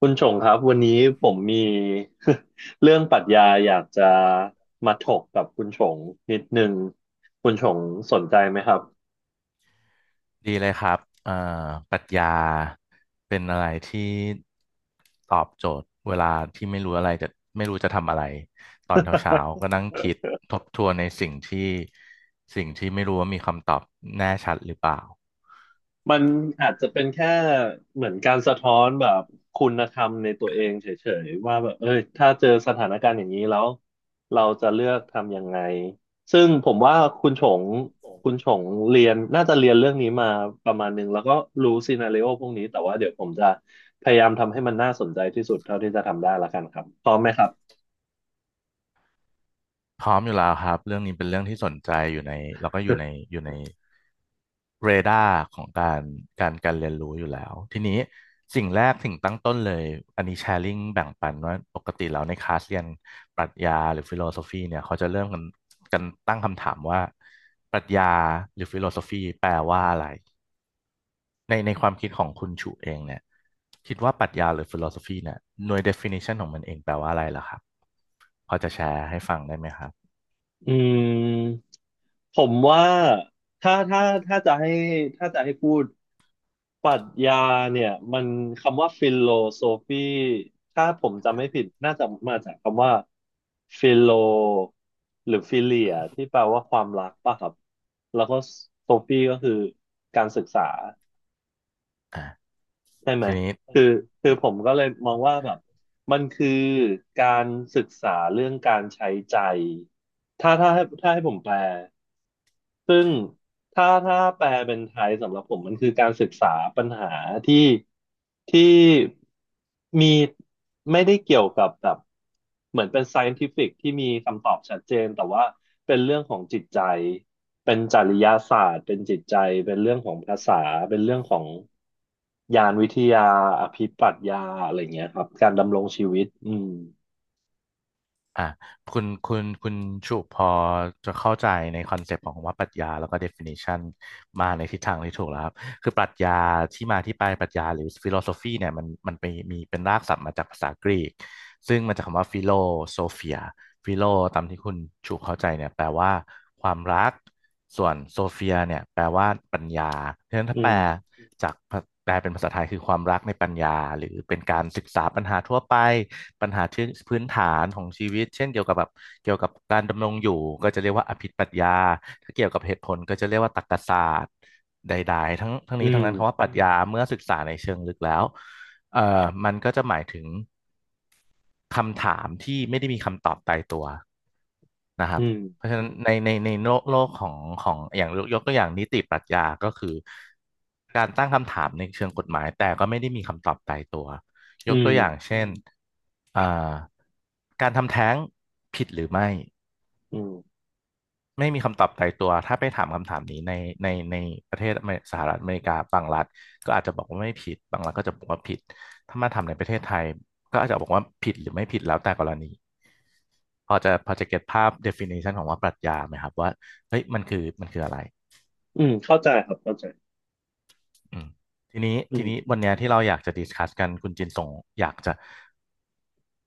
คุณชงครับวันนี้ผมมี เรื่องปรัชญาอยากจะมาถกกับคุณชงนิดนึงคุณชงสนใจไหมครับ ดีเลยครับปรัชญาเป็นอะไรที่ตอบโจทย์เวลาที่ไม่รู้อะไรจะไม่รู้จะทำอะไรตอนเช้าๆก็นั่งคิดทบทวนในสิ่งที่ไม่รู้ว่ามีคำตอบแน่ชัดหรือเปล่ามันอาจจะเป็นแค่เหมือนการสะท้อนแบบคุณธรรมในตัวเองเฉยๆว่าแบบเอ้ยถ้าเจอสถานการณ์อย่างนี้แล้วเราจะเลือกทำยังไงซึ่งผมว่าคุณชงคุณชงเรียนน่าจะเรียนเรื่องนี้มาประมาณหนึ่งแล้วก็รู้ซีนาริโอพวกนี้แต่ว่าเดี๋ยวผมจะพยายามทำให้มันน่าสนใจที่สุดเท่าที่จะทำได้ละกันครับพร้อมไหมครับ พร้อมอยู่แล้วครับเรื่องนี้เป็นเรื่องที่สนใจอยู่ในแล้วก็อยู่ในอยู่ใน เรดาร์ของการเรียนรู้อยู่แล้วทีนี้สิ่งแรกสิ่งตั้งต้นเลยอันนี้แชร์ลิงแบ่งปันว่าปกติแล้วในคลาสเรียนปรัชญาหรือฟิโลโซฟีเนี่ยเขาจะเริ่มกันตั้งคำถามว่าปรัชญาหรือฟิโลโซฟีแปลว่าอะไรในความคิดของคุณชูเองเนี่ยคิดว่าปรัชญาหรือฟิโลโซฟีเนี่ยหน่วย definition ของมันเองแปลว่าอะไรล่ะครับพอจะแชร์ให้ฟังได้ไหมครับ อืม ผมว่าถ้าถ้าถ้าจะให้ถ้าจะให้พูดปรัชญาเนี่ยมันคำว่าฟิโลโซฟีถ้าผมจำไม่ผิดน่าจะมาจากคำว่าฟิโลหรือฟิเลียที่แปลว่าความรักป่ะครับแล้วก็โซฟีก็คือการศึกษาใช่ไหมทีนี้ คือคือผมก็เลยมองว่าแบบมันคือการศึกษาเรื่องการใช้ใจถ้าให้ผมแปล ซึ่งถ้าแปลเป็นไทยสำหรับผมมันคือการศึกษาปัญหาที่ที่มีไม่ได้เกี่ยวกับแบบเหมือนเป็น scientific ที่มีคำตอบชัดเจนแต่ว่าเป็นเรื่องของจิตใจเป็นจริยศาสตร์เป็นจิตใจเป็นเรื่องของภาษาเป็นเรื่องของญาณวิทยาอภิปรัชญาอะไรเงี้ยครับการดำรงชีวิตอืมอ่ะคุณชุพอจะเข้าใจในคอนเซปต์ของคำว่าปรัชญาแล้วก็ definition มาในทิศทางที่ถูกแล้วครับคือปรัชญาที่มาที่ไปปรัชญาหรือ philosophy เนี่ยมันไปมีเป็นรากศัพท์มาจากภาษากรีกซึ่งมาจากคำว่า philosophia ฟิโลตามที่คุณชูเข้าใจเนี่ยแปลว่าความรักส่วนโซเฟียเนี่ยแปลว่าปัญญาเพราะฉะนั้นอืถ้ามจากแปลเป็นภาษาไทยคือความรักในปัญญาหรือเป็นการศึกษาปัญหาทั่วไปปัญหาที่พื้นฐานของชีวิตเช่นเกี่ยวกับแบบเกี่ยวกับการดำรงอยู่ก็จะเรียกว่าอภิปรัชญาถ้าเกี่ยวกับเหตุผลก็จะเรียกว่าตรรกศาสตร์ใดๆทั้งทั้งอืนี้มทั้งนั้นคำว่าปรัชญาเมื่อศึกษาในเชิงลึกแล้วมันก็จะหมายถึง คำถามที่ไม่ได้มีคำตอบตายตัวนะครัอืบมเพราะฉะนั้นในโลกของอย่างยกตัวอย่างนิติปรัชญาก็คือการตั้งคำถามในเชิงกฎหมายแต่ก็ไม่ได้มีคำตอบตายตัวยอืกตัวมอย่างเช่นอ่าการทำแท้งผิดหรือไม่ อืมไม่มีคำตอบตายตัว ถ้าไปถามคำถามนี้ในประเทศอเมริสหรัฐอเมริกาบางรัฐก็อาจจะบอกว่าไม่ผิดบางรัฐก็จะบอกว่าผิดถ้ามาทำในประเทศไทยก็อาจจะบอกว่าผิดหรือไม่ผิดแล้วแต่กรณีพอจะเก็ตภาพ definition ของว่าปรัชญาไหมครับว่าเฮ้ยมันคืออะไรอืมเข้าใจครับเข้าใจอืมอืทีม นี้วันเนี้ยที่เราอยากจะดิสคัสกันคุณจินสงอยากจะ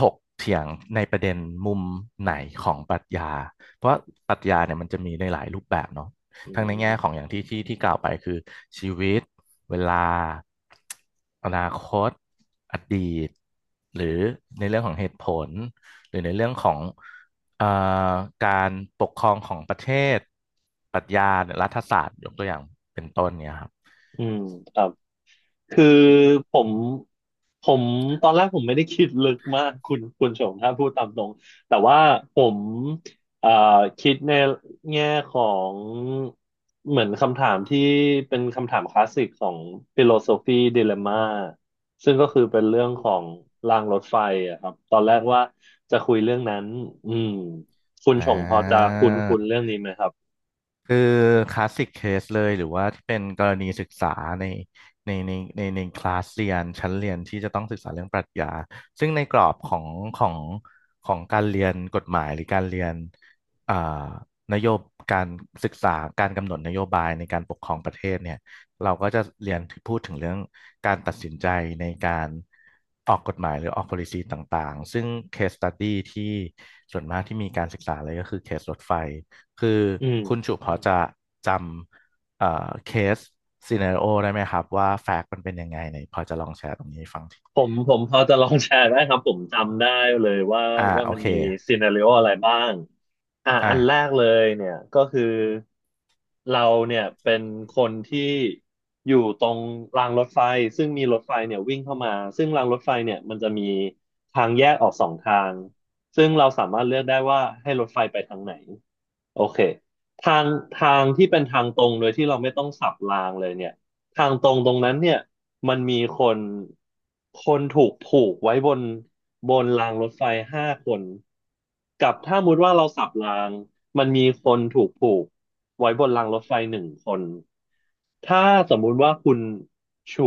ถกเถียงในประเด็นมุมไหนของปรัชญาเพราะปรัชญาเนี่ยมันจะมีในหลายรูปแบบเนาะอืทั้งในแง่ของอมย่างที่กล่าวไปคือชีวิตเวลาอนาคตอดีตหรือในเรื่องของเหตุผลหรือในเรื่องของเอ่อการปกครองของประเทศปรัชญารัฐศาสตร์ยกตัวอย่างเป็นต้นเนี่ยครับอืมครับคือผมผมตอนแรกผมไม่ได้คิดลึกมากคุณชมถ้าพูดตามตรงแต่ว่าผมเอ่อคิดในแง่ของเหมือนคำถามที่เป็นคำถามคลาสสิกของฟิโลโซฟีดิเลม่าซึ่งก็คือเป็นเรื่องของรางรถไฟอะครับตอนแรกว่าจะคุยเรื่องนั้นอืมคุณอ่าชงพอจะคุ้นคุ้นครัเรื่อบ งนี้ไหมครับคือคลาสสิกเคสเลยหรือว่าที่เป็นกรณีศึกษาในในคลาสเรียนชั้นเรียนที่จะต้องศึกษาเรื่องปรัชญาซึ่งในกรอบของของการเรียนกฎหมายหรือการเรียนอ่านโยบการศึกษาการกำหนดนโยบายในการปกครองประเทศเนี่ยเราก็จะเรียนพูดถึงเรื่องการตัดสินใจในการออกกฎหมายหรือออก policy ต่างๆซึ่ง case study ที่ส่วนมากที่มีการศึกษาเลยก็คือเคสรถไฟ คืออืคุณม จุพอจะจำเคสซีเน a r โอได้ไหมครับว่าแฟกต์มันเป็นยังไงไหนพอจะลองแชร์ตรงนี้ให้ฟังทีผมพอจะลองแชร์ได้ครับผมจำได้เลยว่าอ่าว่าโอมันเคมีซีนาริโออะไรบ้างอ่ะอ่อันแรกา เลยเนี่ยก็คือเราเนี่ยเป็นคนที่อยู่ตรงรางรถไฟซึ่งมีรถไฟเนี่ยวิ่งเข้ามาซึ่งรางรถไฟเนี่ยมันจะมีทางแยกออก2 ทางซึ่งเราสามารถเลือกได้ว่าให้รถไฟไปทางไหน โอเคทางทางที่เป็นทางตรงโดยที่เราไม่ต้องสับรางเลยเนี่ยทางตรงตรงนั้นเนี่ยมันมีคนถูกผูกไว้บนรางรถไฟห้าคนกับถ้ามุติว่าเราสับรางมันมีคนถูกผูกไว้บนรางรถไฟหนึ่งคนถ้าสมมุติว่าคุณฉุ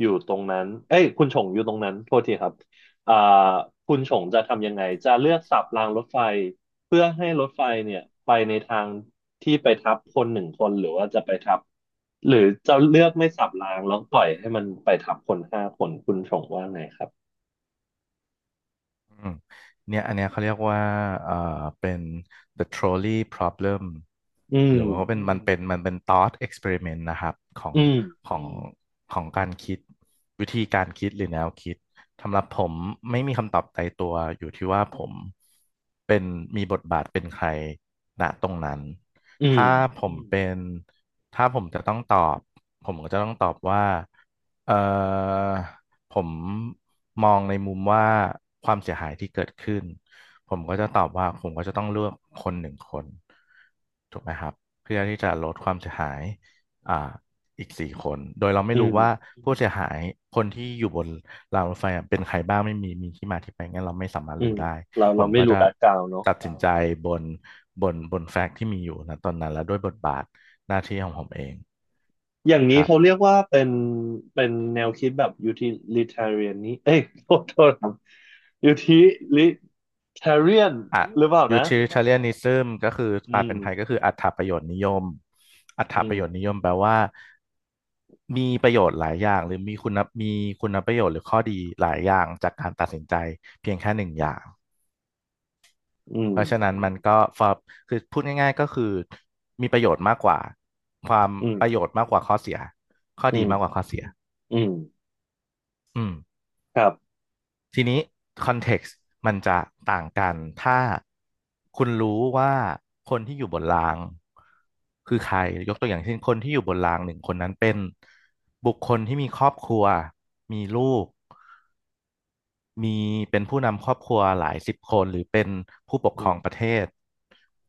อยู่ตรงนั้นเอ้ยคุณฉงอยู่ตรงนั้นโทษทีครับอ่าคุณฉงจะทำยังไงจะเลือกสับรางรถไฟ เพื่อให้รถไฟเนี่ยไปในทางที่ไปทับคนหนึ่งคนหรือจะเลือกไม่สับรางแล้วปล่อยให้มันไปทับคนห้าคนคุณชงว่าไงครับอืมเนี่ยอันเนี้ยเขาเรียกว่าเอ่อเป็น the trolley problem อืมหรือว่าเป็นอืมันมเป็นมันเป็น thought experiment นะครับของอืมขออืงของการคิดวิธีการคิดหรือแนวคิดสำหรับผมไม่มีคำตอบตายตัวอยู่ที่ว่าผมเป็นมีบทบาทเป็นใครณตรงนั้นอืมถ้าผอืมมเป็นถ้าผมจะต้องตอบผมก็จะต้องตอบว่าเอ่อ ผมมองในมุมว่าความเสียหายที่เกิดขึ้นผมก็จะตอบว่าผมก็จะต้องเลือกคนหนึ่งคนถูกไหมครับเพื่อที่จะลดความเสียหายอ่าอีกสี่คนโดยเราไม่อืรู้มว่าผู้เสียหายคนที่อยู่บนรางรถไฟอะเป็นใครบ้างไม่มีมีที่มาที่ไปงั้นเราไม่สามารถอืรู้มได้เราผเรามไม่ก็รู้จะแบ็กกราวด์เนาะตัดสินใจบนบนแฟกต์ที่มีอยู่นะตอนนั้นและด้วยบทบาทหน้าที่ของผมเองอย่างนี้ครับ เขาเรียกว่าเป็นแนวคิดแบบ utilitarian นี้เอ้ยโทษครับ utilitarian อ่ะ หรือเปล่านะ utilitarianism ก็คืออืแปลมเป็นไทยก็คืออัตถประโยชน์นิยมอัตถอืปมระโยชน์นิยมแปลว่ามีประโยชน์หลายอย่างหรือมีคุณมีคุณประโยชน์หรือข้อดีหลายอย่างจากการตัดสินใจเพียงแค่หนึ่งอย่างอืมเพราะฉะนั้นมันก็ฟ o คือพูดง่ายๆก็คือมีประโยชน์มากกว่าความอืมประโยชน์มากกว่าข้อเสียข้ออืดีมากกมว่าข้อเสียอืมอืม ครับ ทีนี้คอนเท็กซ์มันจะต่างกัน ถ้าคุณรู้ว่าคนที่อยู่บนรางคือใครยกตัวอย่างเช่นคนที่อยู่บนรางหนึ่งคนนั้นเป็นบุคคลที่มีครอบครัว มีลูก มีเป็นผู้นำครอบครัวหลายสิบคน หรือเป็นผู้ปกครองประเทศ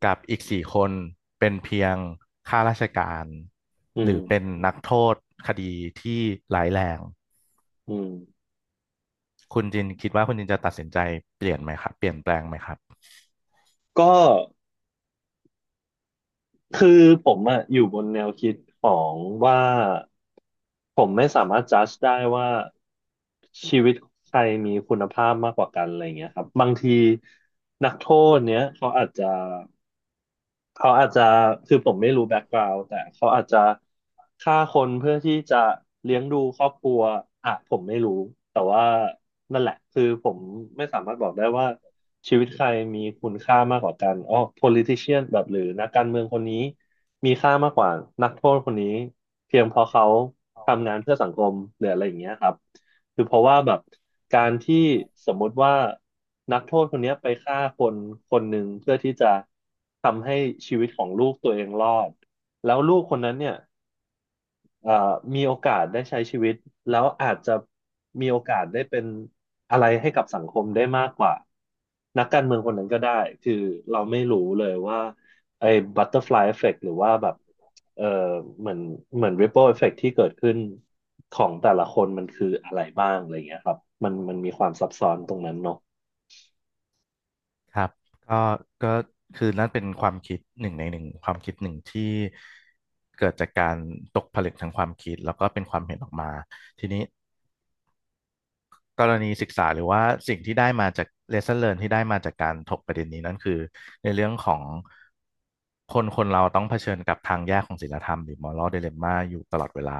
กับอีกสี่คนเป็นเพียงข้าราชการอืหมรือเป็นนักโทษคดีที่ร้ายแรงอืมคุณจินคิดว่าคุณจินจะตัดสินใจเปลี่ยนไหมครับเปลี่ยนแปลงไหมครับ ก็คือผมอะอยู่บนแนวคิดของว่าผมไม่สามารถจัดได้ว่าชีวิตใครมีคุณภาพมากกว่ากันอะไรเงี้ยครับบางทีนักโทษเนี้ยเขาอาจจะคือผมไม่รู้แบ็กกราว n ์แต่เขาอาจจะฆ่าคนเพื่อที่จะเลี้ยงดูครอบครัวอ่ะผมไม่รู้แต่ว่านั่นแหละคือผมไม่สามารถบอกได้ว่าชีวิตใครมีคุณค่ามากกว่ากันอ๋อ politician แบบหรือนักการเมืองคนนี้มีค่ามากกว่านักโทษคนนี้เพียงเพราะเขาทำงานเพื่อสังคมหรืออะไรอย่างเงี้ยครับ คือเพราะว่าแบบการที่สมมุติว่านักโทษคนเนี้ยไปฆ่าคนคนหนึ่งเพื่อที่จะทำให้ชีวิตของลูกตัวเองรอดแล้วลูกคนนั้นเนี่ย เอ่อมีโอกาสได้ใช้ชีวิตแล้วอาจจะมีโอกาสได้เป็นอะไรให้กับสังคมได้มากกว่านักการเมืองคนนั้นก็ได้คือเราไม่รู้เลยว่าไอ้บัตเตอร์ฟลายเอฟเฟกต์หรือว่าแบบเออเหมือนเหมือนริปเปิลเอฟเฟกต์ที่เกิดขึ้นของแต่ละคนมันคืออะไรบ้างอะไรเงี้ยครับมันมีความซับซ้อนตรงนั้นเนาะครับก็ก็คือนั่นเป็นความคิดหนึ่งในหนึ่งความคิดหนึ่งที่เกิดจากการตกผลึกทางความคิดแล้วก็เป็นความเห็นออกมาทีนี้กรณีศึกษาหรือว่าสิ่งที่ได้มาจาก lesson learn ที่ได้มาจากการถกประเด็นนี้นั่นคือในเรื่องของคนคนเราต้องเผชิญกับทางแยกของศีลธรรมหรือ moral dilemma อยู่ตลอดเวลา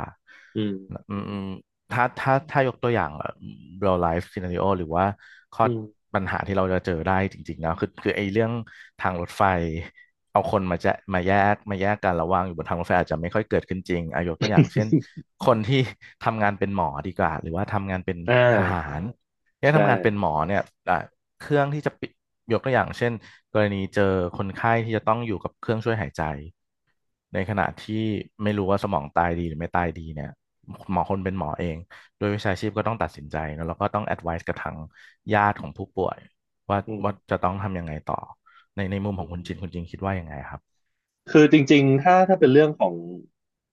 อืมอืม ถ้ายกตัวอย่างเ e l ไลฟ์ซีนาริโอ real life scenario หรือว่าข้ออืม ปัญหาที่เราจะเจอได้จริงๆแล้วคือไอ้เรื่องทางรถไฟเอาคนมาแจะมาแยกกันระหว่างอยู่บนทางรถไฟอาจจะไม่ค่อยเกิดขึ้นจริงอายกตัวอย่างเช่น คนที่ทำงานเป็นหมอดีกว่าหรือว่าทำงานเป็นอท่าหารเนี่ยใช่ทำงานเป็นหมอเนี่ยอ่ะเครื่องที่จะปิยกตัวอย่างเช่นกรณีเจอคนไข้ที่จะต้องอยู่กับเครื่องช่วยหายใจในขณะที่ไม่รู้ว่าสมองตายดีหรือไม่ตายดีเนี่ย หมอคนเป็นหมอเองโดยวิชาชีพก็ต้องตัดสินใจเนอะแล้วก็ต้อง advice กับทางญาติของผู้ป่วยว่าอืม ว่าจะต้องทำยังไงต่อ ในในมุมของคุณจินคุณจินคิดว่ายังไงครับคือจริงๆถ้าเป็นเรื่องของ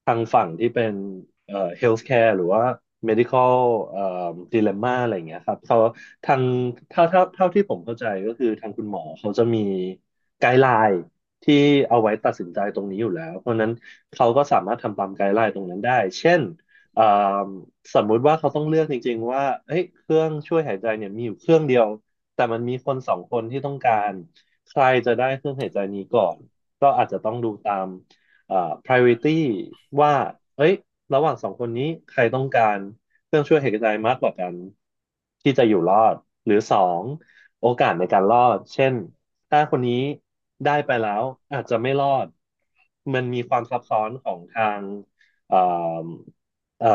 ทางฝั่งที่เป็นhealthcare หรือว่า medical เอ่อ dilemma อะไรอย่างเงี้ยครับเขาทางถ้าเท่าที่ผมเข้าใจก็คือทางคุณหมอเขาจะมีไกด์ไลน์ที่เอาไว้ตัดสินใจตรงนี้อยู่แล้วเพราะฉะนั้นเขาก็สามารถทำตามไกด์ไลน์ตรงนั้นได้เช่นเอ่อสมมุติว่าเขาต้องเลือกจริงๆว่าเอ้ยเครื่องช่วยหายใจเนี่ยมีอยู่เครื่องเดียวแต่มันมีคนสองคนที่ต้องการใครจะได้เครื่องหายใจนี้ก่อน ก็อาจจะต้องดูตามเอ่อ priority ว่าเอ้ยระหว่างสองคนนี้ใครต้องการเครื่องช่วยหายใจมากกว่ากันที่จะอยู่รอดหรือสองโอกาสในการรอดเช่นถ้าคนนี้ได้ไปแล้วอาจจะไม่รอดมันมีความซับซ้อนของทางเอ่อเอ่อ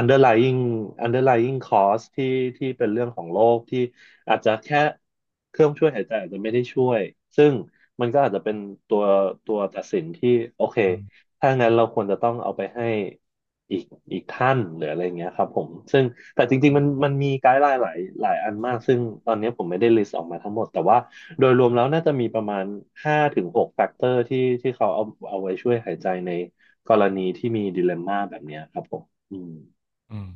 underlying underlying cause ที่เป็นเรื่องของโรคที่อาจจะแค่เครื่องช่วยหายใจอาจจะไม่ได้ช่วย ซึ่ง มันก็อาจจะเป็นตัวตัวตัดสินที่โอเค อืมถ้างั้นเราควรจะต้องเอาไปให้อีกอีกท่านหรืออะไรอย่างเงี้ยครับผม ซึ่งแต่จริงอืๆมันม มีไกด์ไลน์หลายหลายอันมาก ซึ่งตอนนี้ผมไม่ได้ลิสต์ออกมาทั้งหมด แต่ว่าโดยรวมแล้วน่าจะมีประมาณห้าถึงหกแฟกเตอร์ที่เขาเอาไว้ช่วยหายใจในกรณีที่มีดิเลมม่าแบบเนี้ยครับผม อืมอืม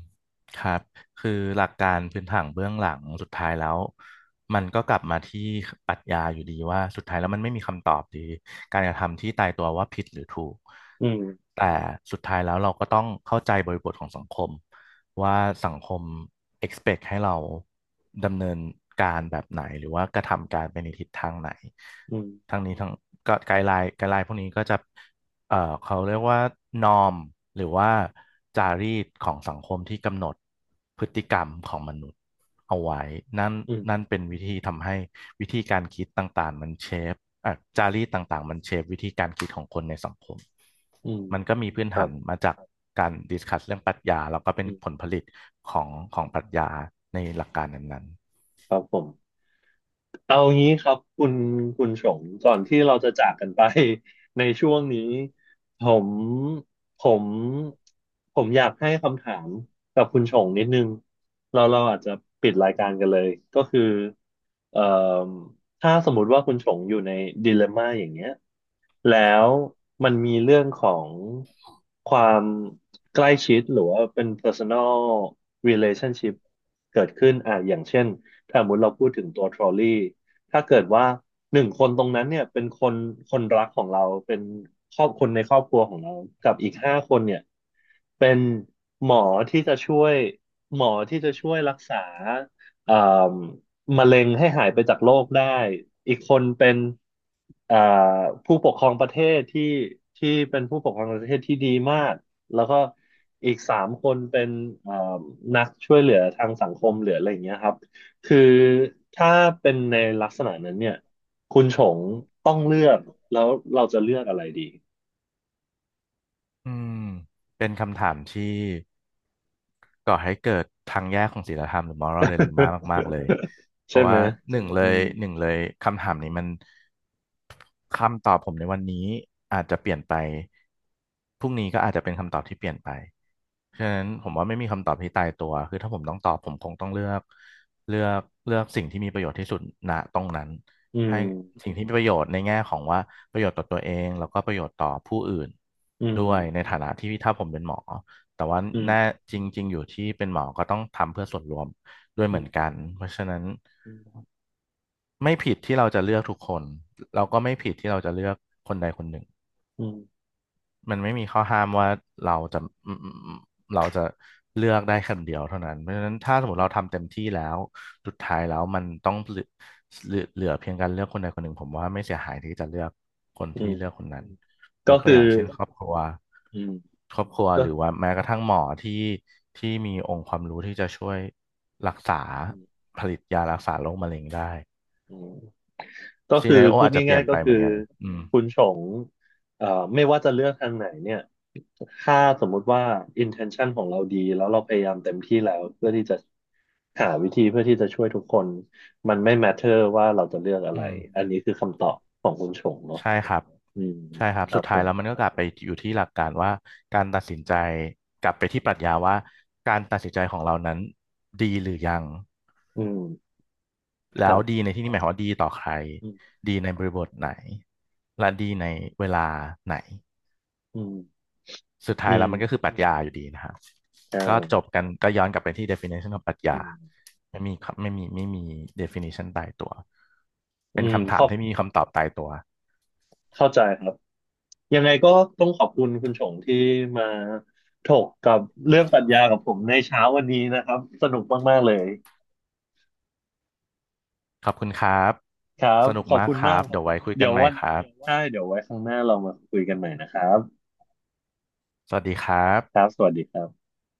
ครับคือหลักการพื้นฐานเบื้องหลังสุดท้ายแล้วมันก็กลับมาที่ปรัชญาอยู่ดีว่าสุดท้ายแล้วมันไม่มีคำตอบดีการกระทำที่ตายตัวว่าผิดหรือถูกอืมแต่สุดท้ายแล้วเราก็ต้องเข้าใจบริบทของสังคมว่าสังคม expect ให้เราดำเนินการแบบไหนหรือว่ากระทำการไปในทิศทางไหนอืมทั้งนี้ทั้งก็ไกด์ไลน์พวกนี้ก็จะ เอ่อเขาเรียกว่านอมหรือว่าจารีตของสังคมที่กำหนดพฤติกรรมของมนุษย์เอาไว้นั่นอืนั่นมเป็นวิธีทำให้วิธีการคิดต่างๆมันเชฟจารีตต่างๆมันเชฟวิธีการคิดของคนในสังคมอืมมันก็มีพื้นครัฐาบนมาจากการดิสคัสเรื่องปรัชญาแล้วก็เป็นอืมผลผลิตของของปรัชญาในหลักการนั้นครับผม เอางี้ครับคุณชงก่อนที่เราจะจากกันไป ในช่วงนี้ผมผมผมอยากให้คำถามกับคุณชงนิดนึงเราอาจจะปิดรายการกันเลยก็คือเอ่อถ้าสมมติว่าคุณชงอยู่ในดิเลมม่าอย่างเงี้ยแล้วมันมีเรื่องของความใกล้ชิดหรือว่าเป็น personal relationship เกิดขึ้นอ่ะอย่างเช่น ถ้าสมมติเราพูดถึงตัวทรอลลี่ถ้าเกิดว่าหนึ่งคนตรงนั้นเนี่ยเป็นคนรักของเราเป็นครอบคนในครอบครัวของเรา กับอีกห้าคนเนี่ยเป็นหมอที่จะช่วยหมอที่จะช่วยรักษาเอ่มมะเร็งให้หายไปจากโลกได้ อีกคนเป็นเอ่อผู้ปกครองประเทศที่เป็นผู้ปกครองประเทศที่ดีมาก แล้วก็อีกสามคนเป็นเอ่มนักช่วยเหลือทางสังคมเหลืออะไรอย่างเงี้ยครับ คือถ้าเป็นในลักษณะนั้นเนี่ยคุณชงต้องเลือกแล้วเราจะเลือกอะไรดี ๆอืมเป็นคำถามที่ ก่อให้เกิดทางแยกของศีลธรรมหรือ moral dilemma มากๆเลยเพใช่ราะไหมว่าหนึ่งเลอืยมหนึ่งเลยคำถามนี้มัน คำตอบผมในวันนี้อาจจะเปลี่ยนไปพรุ่งนี้ก็อาจจะเป็นคำตอบที่เปลี่ยนไปฉะนั้นผมว่าไม่มีคำตอบที่ตายตัวคือถ้าผมต้องตอบผมคงต้องเลือกเลือกเลือกสิ่งที่มีประโยชน์ที่สุดณตรงนั้นอืให้มสิ่งที่มีประโยชน์ในแง่ของว่าประโยชน์ต่อตัวเองแล้วก็ประโยชน์ต่อผู้อื่นอืมด้วยในฐานะที่ถ้าผมเป็นหมอแต่ว่าอืมแน่จริงๆอยู่ที่เป็นหมอก็ต้องทำเพื่อส่วนรวมด้วยอืเหมืมอนกันเพราะฉะนั้น อืมไม่ผิดที่เราจะเลือกทุกคนเราก็ไม่ผิดที่เราจะเลือกคนใดคนหนึ่งอืมมันไม่มีข้อห้ามว่าเราจะอืมอเราจะเลือกได้คนเดียวเท่านั้นเพราะฉะนั้นถ้าสมมติเราทำเต็มที่แล้วสุดท้ายแล้วมันต้องเหลือเหลือเพียงการเลือกคนใดคนหนึ่งผมว่าไม่เสียหายที่จะเลือกคนอืที่เลือกคมนนั้นยก็กตัวคืออย่างเช่นครอบครัวอืมครอบครัวก็หรือว่าแม้กระทั่งหมอที่ที่มีองค์ความรู้ที่จะช่วยรักษาอืมผลิตยารักษาโรคมะเร็งได้ อืม ก็ซีคือนาริโอพูดอาจจะเปลี่ง่ายนยๆก็ไปเหคืมืออนกันอืมคุณชงเอ่อไม่ว่าจะเลือกทางไหนเนี่ยถ้าสมมุติว่า intention ของเราดีแล้วเราพยายามเต็มที่แล้วเพื่อที่จะหาวิธีเพื่อที่จะช่วยทุกคนมันไม่ matter ว่าเราจะเลือกอะไรอืมอันนี้คือคำตอบของคุณชงเนาะใช่ครับอืมใช่ครับคสุรัดบผท้ายแล้วมันมก็กลับไปอยู่ที่หลักการว่าการตัดสินใจกลับไปที่ปรัชญาว่าการตัดสินใจของเรานั้นดีหรือยังอืมคแล้รัวบดีในที่นี้หมายความว่าดีต่อใครอืมดีในบริบทไหนและดีในเวลาไหนอืมสุดอืท้ายแล้มวมันก็คือปรัชญาอยู่ดีนะครับอ่ก็จบากันก็ย้อนกลับไปที่ definition ของปรัชอืญามไม่มีครับไม่มี definition ตายตัวอืเป็นมคำขถามอบ ที่ไมมีคำตอบตายตัว เข้าใจครับ ยังไงก็ต้องขอบคุณคุณชงที่มาถกกับเรื่องปรัชญากับผมในเช้าวันนี้นะครับ สนุกมากๆเลยขอบคุณครับ ครับ สนุกขอบมากคุณคมารัก บ เดี๋ยวไว้คุยเดี๋กัยนวใหม่วันครับ ใช่เดี๋ยวไว้ครั้งหน้าเรามาคุยกันใหม่นะครับสวัสดีครับครับสวัสดีครับ